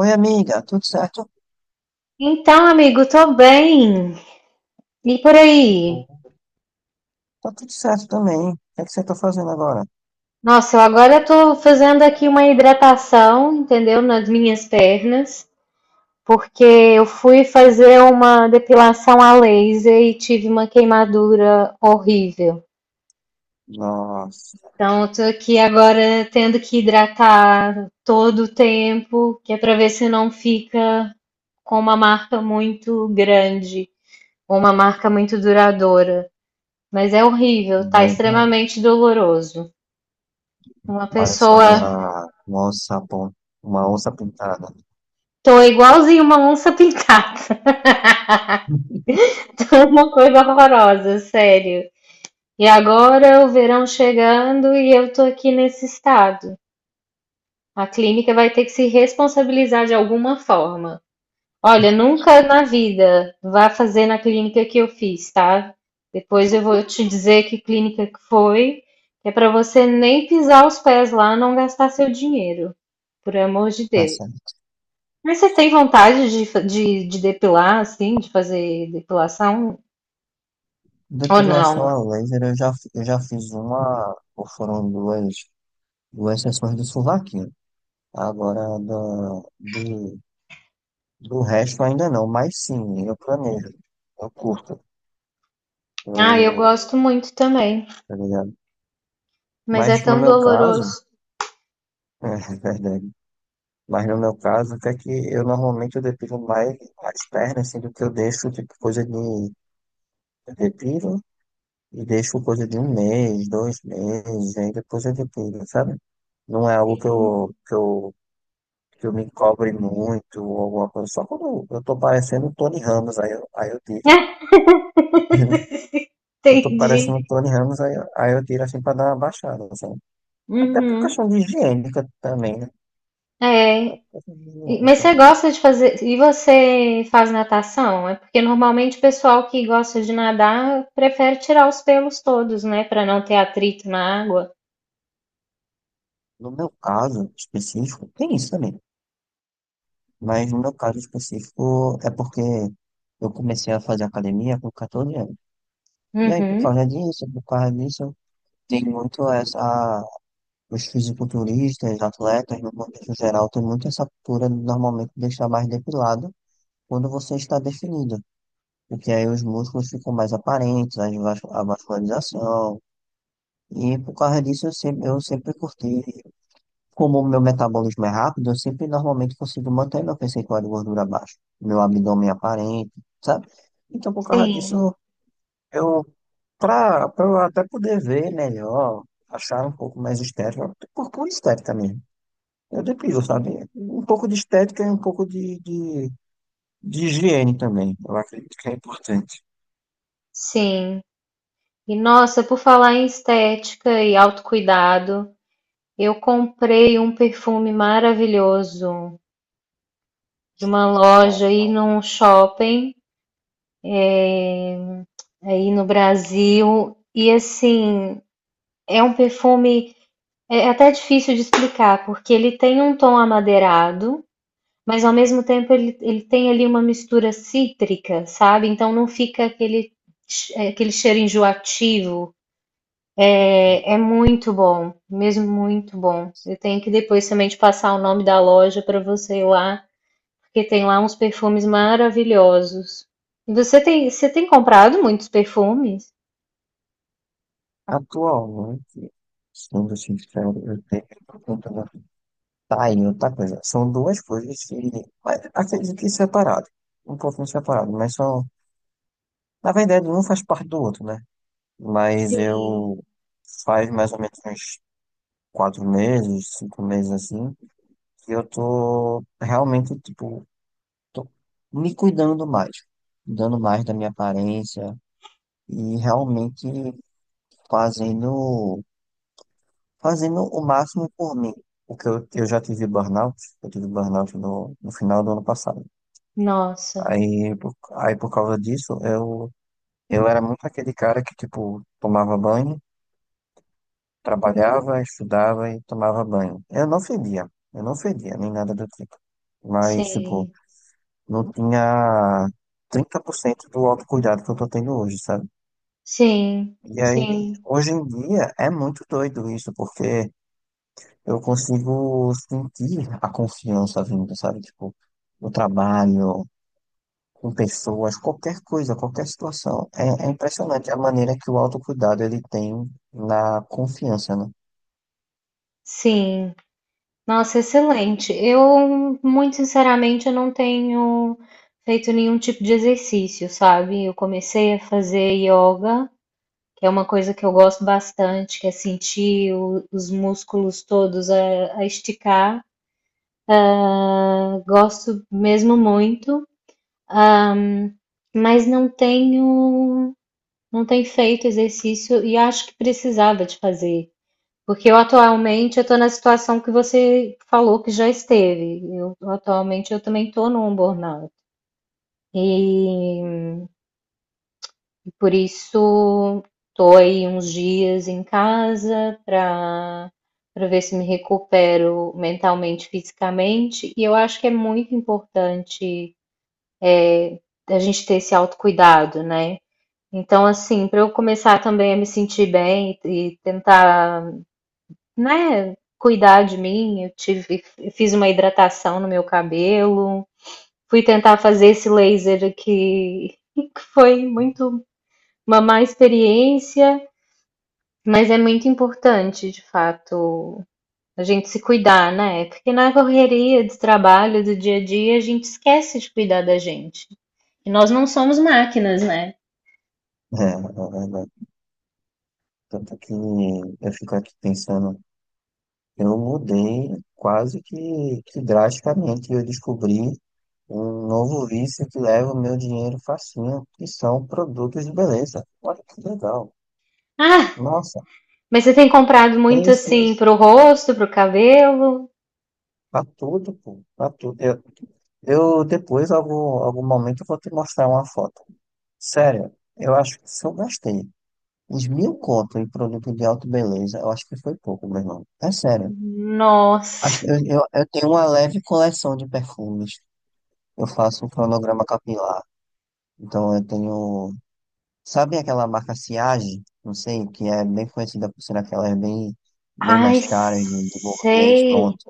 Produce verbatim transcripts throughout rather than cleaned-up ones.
Oi, amiga, tudo certo? Então, amigo, tô bem. E por aí? Bom, tá tudo certo também. O que é que você tá fazendo agora? Nossa, eu agora tô fazendo aqui uma hidratação, entendeu? Nas minhas pernas, porque eu fui fazer uma depilação a laser e tive uma queimadura horrível. Nossa, Então, eu tô aqui agora tendo que hidratar todo o tempo, que é pra ver se não fica com uma marca muito grande ou uma marca muito duradoura. Mas é horrível, tá mas extremamente doloroso. Uma parecendo pessoa. uma, uma onça, pon- uma onça pintada. Tô igualzinho uma onça pintada. Tô uma coisa horrorosa, sério. E agora o verão chegando e eu tô aqui nesse estado. A clínica vai ter que se responsabilizar de alguma forma. Olha, nunca na vida vá fazer na clínica que eu fiz, tá? Depois eu vou te dizer que clínica que foi, que é pra você nem pisar os pés lá, não gastar seu dinheiro. Por amor de Tá Deus. certo. Mas você tem vontade de, fa- de, de depilar, assim, de fazer depilação? Ou não? Depilação a laser, eu já, fi- eu já fiz uma, ou foram duas, duas sessões do sovaquinho. Agora, do, de, do resto ainda não, mas sim, eu planejo, eu curto, Ah, eu eu, gosto muito também, tá ligado? mas é Mas no tão meu caso, doloroso. é verdade. Mas no meu caso, até que eu normalmente eu depilo mais as pernas, assim, do que eu deixo, tipo, coisa de eu depilo e deixo coisa de um mês, dois meses, aí depois eu depilo, sabe? Não é algo que eu, Sim. que eu, que eu me cobre muito ou alguma coisa. Só quando eu tô parecendo o Tony Ramos, aí eu, aí eu tiro. Eu tô Entendi. parecendo o Tony Ramos, aí, eu- aí eu tiro assim pra dar uma baixada, sabe? Até por Uhum. questão de higiênica também, né? Até É. por questão de E- higiene Mas você também. gosta de fazer. E você faz natação? É porque normalmente o pessoal que gosta de nadar prefere tirar os pelos todos, né? Pra não ter atrito na água. No meu caso específico, tem isso também. Mas no meu caso específico é porque eu comecei a fazer academia com quatorze anos. E aí, por Uhum. causa disso, por causa disso, tem muito essa. Os fisiculturistas, atletas, no contexto geral, tem muito essa cultura de normalmente deixar mais depilado quando você está definido. Porque aí os músculos ficam mais aparentes, as vas- a vascularização. E por causa disso, eu sempre, eu sempre curti. Como o meu metabolismo é rápido, eu sempre normalmente consigo manter meu percentual de gordura baixo, meu abdômen aparente, sabe? Então, por causa Sim, disso, eu, pra, pra eu até poder ver melhor, achar um pouco mais estético, por pura estética mesmo. Eu depilo, sabe? Um pouco de estética e um pouco de, de, de higiene também. Eu acredito que é importante. sim. E nossa, por falar em estética e autocuidado. Eu comprei um perfume maravilhoso de uma loja aí num shopping aí no Brasil e assim é um perfume é até difícil de explicar porque ele tem um tom amadeirado, mas ao mesmo tempo ele, ele tem ali uma mistura cítrica, sabe? Então não fica aquele che- é, aquele cheiro enjoativo. É, é muito bom, mesmo muito bom. Eu tenho que depois também te passar o nome da loja para você ir lá porque tem lá uns perfumes maravilhosos. Você tem, você tem comprado muitos perfumes? Atualmente, sendo sincero, eu tenho. Tá aí outra coisa. São duas coisas que. Mas acredito que separado. Um pouquinho separado, mas são. Na verdade, um faz parte do outro, né? Mas Sim. eu. Faz mais ou menos uns quatro meses, cinco meses assim, que eu tô realmente, tipo, tô me cuidando mais. Cuidando mais da minha aparência e realmente fazendo. Fazendo o máximo por mim. Porque eu, eu já tive burnout. Eu tive burnout no, no final do ano passado. Nossa, Aí, por- aí por causa disso, eu, eu era muito aquele cara que, tipo, tomava banho, trabalhava, estudava e tomava banho. Eu não fedia, eu não fedia, nem nada do tipo. Mas, tipo, sim, não tinha trinta por cento do autocuidado que eu tô tendo hoje, sabe? sim, E aí, sim, hoje em dia, é muito doido isso, porque eu consigo sentir a confiança vindo, sabe? Tipo, o trabalho, com pessoas, qualquer coisa, qualquer situação. É, é impressionante a maneira que o autocuidado ele tem na confiança, né? sim. Nossa, excelente. Eu, muito sinceramente, eu não tenho feito nenhum tipo de exercício, sabe? Eu comecei a fazer yoga, que é uma coisa que eu gosto bastante, que é sentir o- os músculos todos a, a esticar. Eu gosto mesmo muito. Ahm, mas não tenho, não tenho feito exercício e acho que precisava de fazer, porque eu atualmente eu estou na situação que você falou que já esteve. Eu, atualmente eu também estou num burnout e por isso estou aí uns dias em casa para para ver se me recupero mentalmente, fisicamente. E eu acho que é muito importante é, a gente ter esse autocuidado, né? Então, assim, para eu começar também a me sentir bem e e tentar, né, cuidar de mim, eu tive, fiz uma hidratação no meu cabelo, fui tentar fazer esse laser aqui, que foi muito uma má experiência, mas é muito importante, de fato, a gente se cuidar, né? Porque na correria de trabalho, do dia a dia, a gente esquece de cuidar da gente. E nós não somos máquinas, né? É, é verdade. Tanto que eu fico aqui pensando, eu mudei quase que, que drasticamente, eu descobri um novo vício que leva o meu dinheiro facinho, que são produtos de beleza. Olha que legal. Ah. Nossa, Mas você tem comprado tem muito sim, assim pro rosto, pro cabelo? pra tudo, pô, pra tudo. Eu, Eu depois, algum, algum momento, eu vou te mostrar uma foto. Sério, eu acho que se eu gastei uns mil conto em produto de auto beleza, eu acho que foi pouco, meu irmão. É sério. Acho- Nossa. Eu, eu, eu tenho uma leve coleção de perfumes. Eu faço um cronograma capilar. Então eu tenho. Sabe aquela marca Siage? Não sei, que é bem conhecida por ser aquelas bem, bem Ai, mais caras de, de burguês, sei. pronto.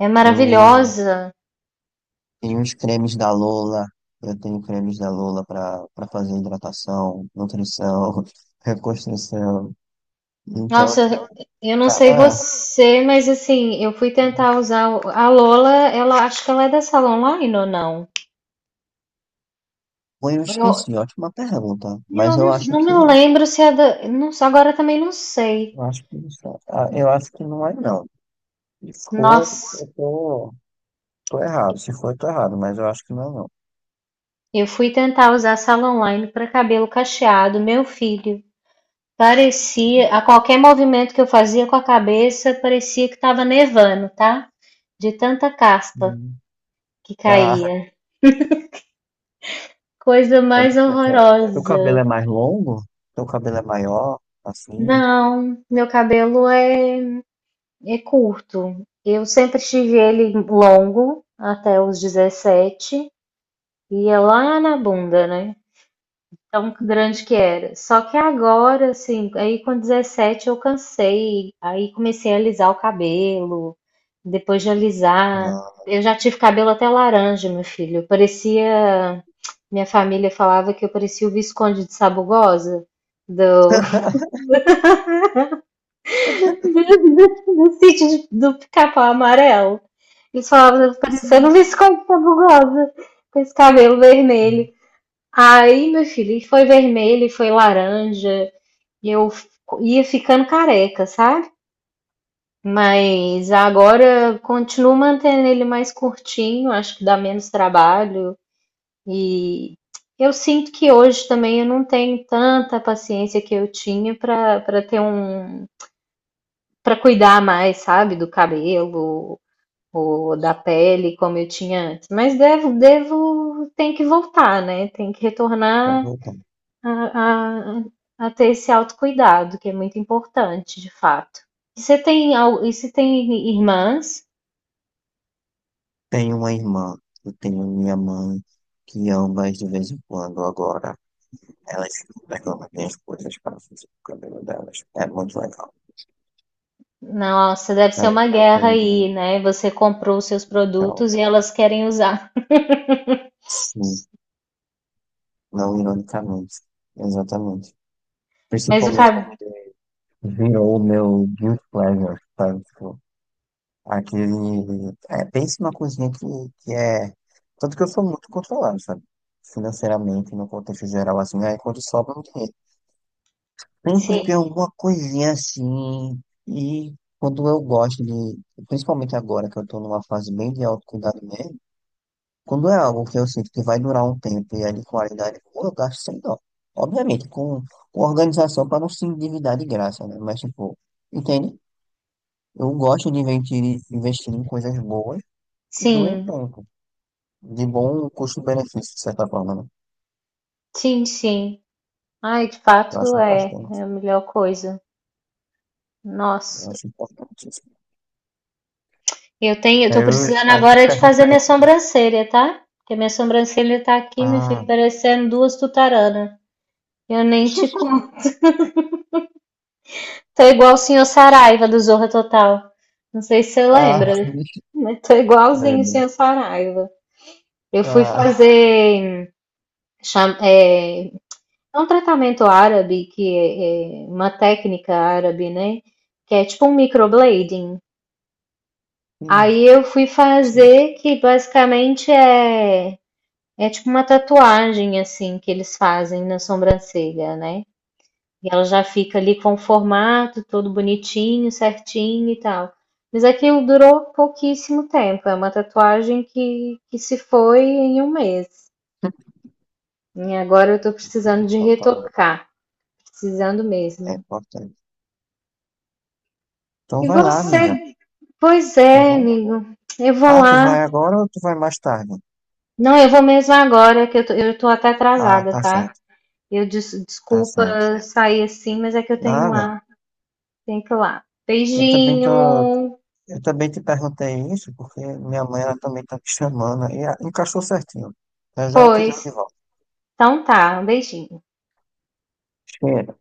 É Eu maravilhosa. tem uns cremes da Lola, eu tenho cremes da Lola para para fazer hidratação, nutrição, reconstrução. Então, Nossa, tipo, eu não sei cada. você, mas assim, eu fui tentar usar o- a Lola, ela acho que ela é da Salon Online ou não? Pô, eu esqueci, Eu, ótima pergunta. eu Mas eu não, acho não me que. lembro se é da, não, agora também não sei. Eu acho que, não sei. Ah, eu acho que não é, não. Se for, Nossa, eu tô, tô errado. Se for, eu tô errado, mas eu acho que não é, não. eu fui tentar usar a Salon Online para cabelo cacheado, meu filho. Parecia, a qualquer movimento que eu fazia com a cabeça, parecia que estava nevando, tá? De tanta caspa Hum. que Ah, caía. Coisa eu mais não sei se é. Teu cabelo é horrorosa. mais longo? Teu cabelo é maior? Assim? Não, meu cabelo é, é curto. Eu sempre tive ele longo até os dezessete e é lá na bunda, né? Tão grande que era. Só que agora, assim, aí com dezessete eu cansei, aí comecei a alisar o cabelo, depois de alisar, Ah. eu já tive cabelo até laranja, meu filho. Eu parecia, minha família falava que eu parecia o Visconde de Sabugosa, do, do sítio de- do Pica-Pau Amarelo. Eles falavam, eu parecendo o Sim. Visconde de Sabugosa, com esse cabelo vermelho. Aí, meu filho, e foi vermelho, e foi laranja, E eu f- ia ficando careca, sabe? Mas agora continuo mantendo ele mais curtinho, acho que dá menos trabalho. E eu sinto que hoje também eu não tenho tanta paciência que eu tinha para para ter um para cuidar mais, sabe, do cabelo ou da pele como eu tinha antes. Mas devo devo tem que voltar, né? Tem que Pra retornar voltar. a, a- a ter esse autocuidado, que é muito importante, de fato. E você tem, al- e você tem irmãs? Tenho uma irmã, eu tenho minha mãe, que ambas de vez em quando agora, elas ficam pegando as minhas coisas para fazer o cabelo delas. É muito legal. Nossa, deve ser Elas uma ficam guerra pegando aí, né? Você comprou os seus então produtos e elas querem usar. sim, não ironicamente. Exatamente. Mas o Principalmente cabelo. virou o meu guilt pleasure, sabe? Tipo, aquele é, pense uma coisinha que, que é tanto que eu sou muito controlado, sabe? Financeiramente, no contexto geral, assim, aí quando sobra um dinheiro. Sempre tem Sim, alguma coisinha assim. E quando eu gosto de, principalmente agora que eu tô numa fase bem de autocuidado mesmo, quando é algo que eu sinto que vai durar um tempo e é de qualidade boa, eu gasto sem dó. Obviamente, com, com organização para não se endividar de graça, né? Mas, tipo, entende? Eu gosto de investir, investir em coisas boas que durem sim, tempo, de bom custo-benefício, de certa forma, né? sim, sim. Ai, de Eu fato acho é, importante. é a melhor coisa. Eu Nossa. acho importante. Eu tenho, eu tô Aí eu, precisando aí eu fico agora de fazer perguntando minha aqui. sobrancelha, tá? Porque minha sobrancelha tá aqui, me Ah. fica parecendo duas tutaranas. Eu nem te conto. Tô igual o senhor Saraiva do Zorra Total. Não sei se você Ah, lembra, né? Mas tô é, igualzinho o né? senhor Saraiva. Eu fui Ah, fazer cham- é, um tratamento árabe, que é, é uma técnica árabe, né? Que é tipo um microblading. sim, Aí eu fui sim, fazer, que basicamente é, é tipo uma tatuagem, assim, que eles fazem na sobrancelha, né? E ela já fica ali com o formato todo bonitinho, certinho e tal. Mas aquilo durou pouquíssimo tempo. É uma tatuagem que, que se foi em um mês. E agora eu tô ele precisando de totalmente. retocar. Precisando É mesmo. importante. Então E vai lá, você? amiga, Pois tá é, bom? amigo. Eu vou Ah, tu lá. vai agora ou tu vai mais tarde? Não, eu vou mesmo agora, que eu tô, eu tô até Ah, atrasada, tá tá? certo, Eu des- tá desculpa certo. sair assim, mas é que eu tenho Nada, lá. Tenho que ir lá. eu também tô, Beijinho. eu também te perguntei isso porque minha mãe ela também tá te chamando e ah, encaixou certinho. Já já eu te ligo Pois. de volta. Então tá, um beijinho. Cheiro.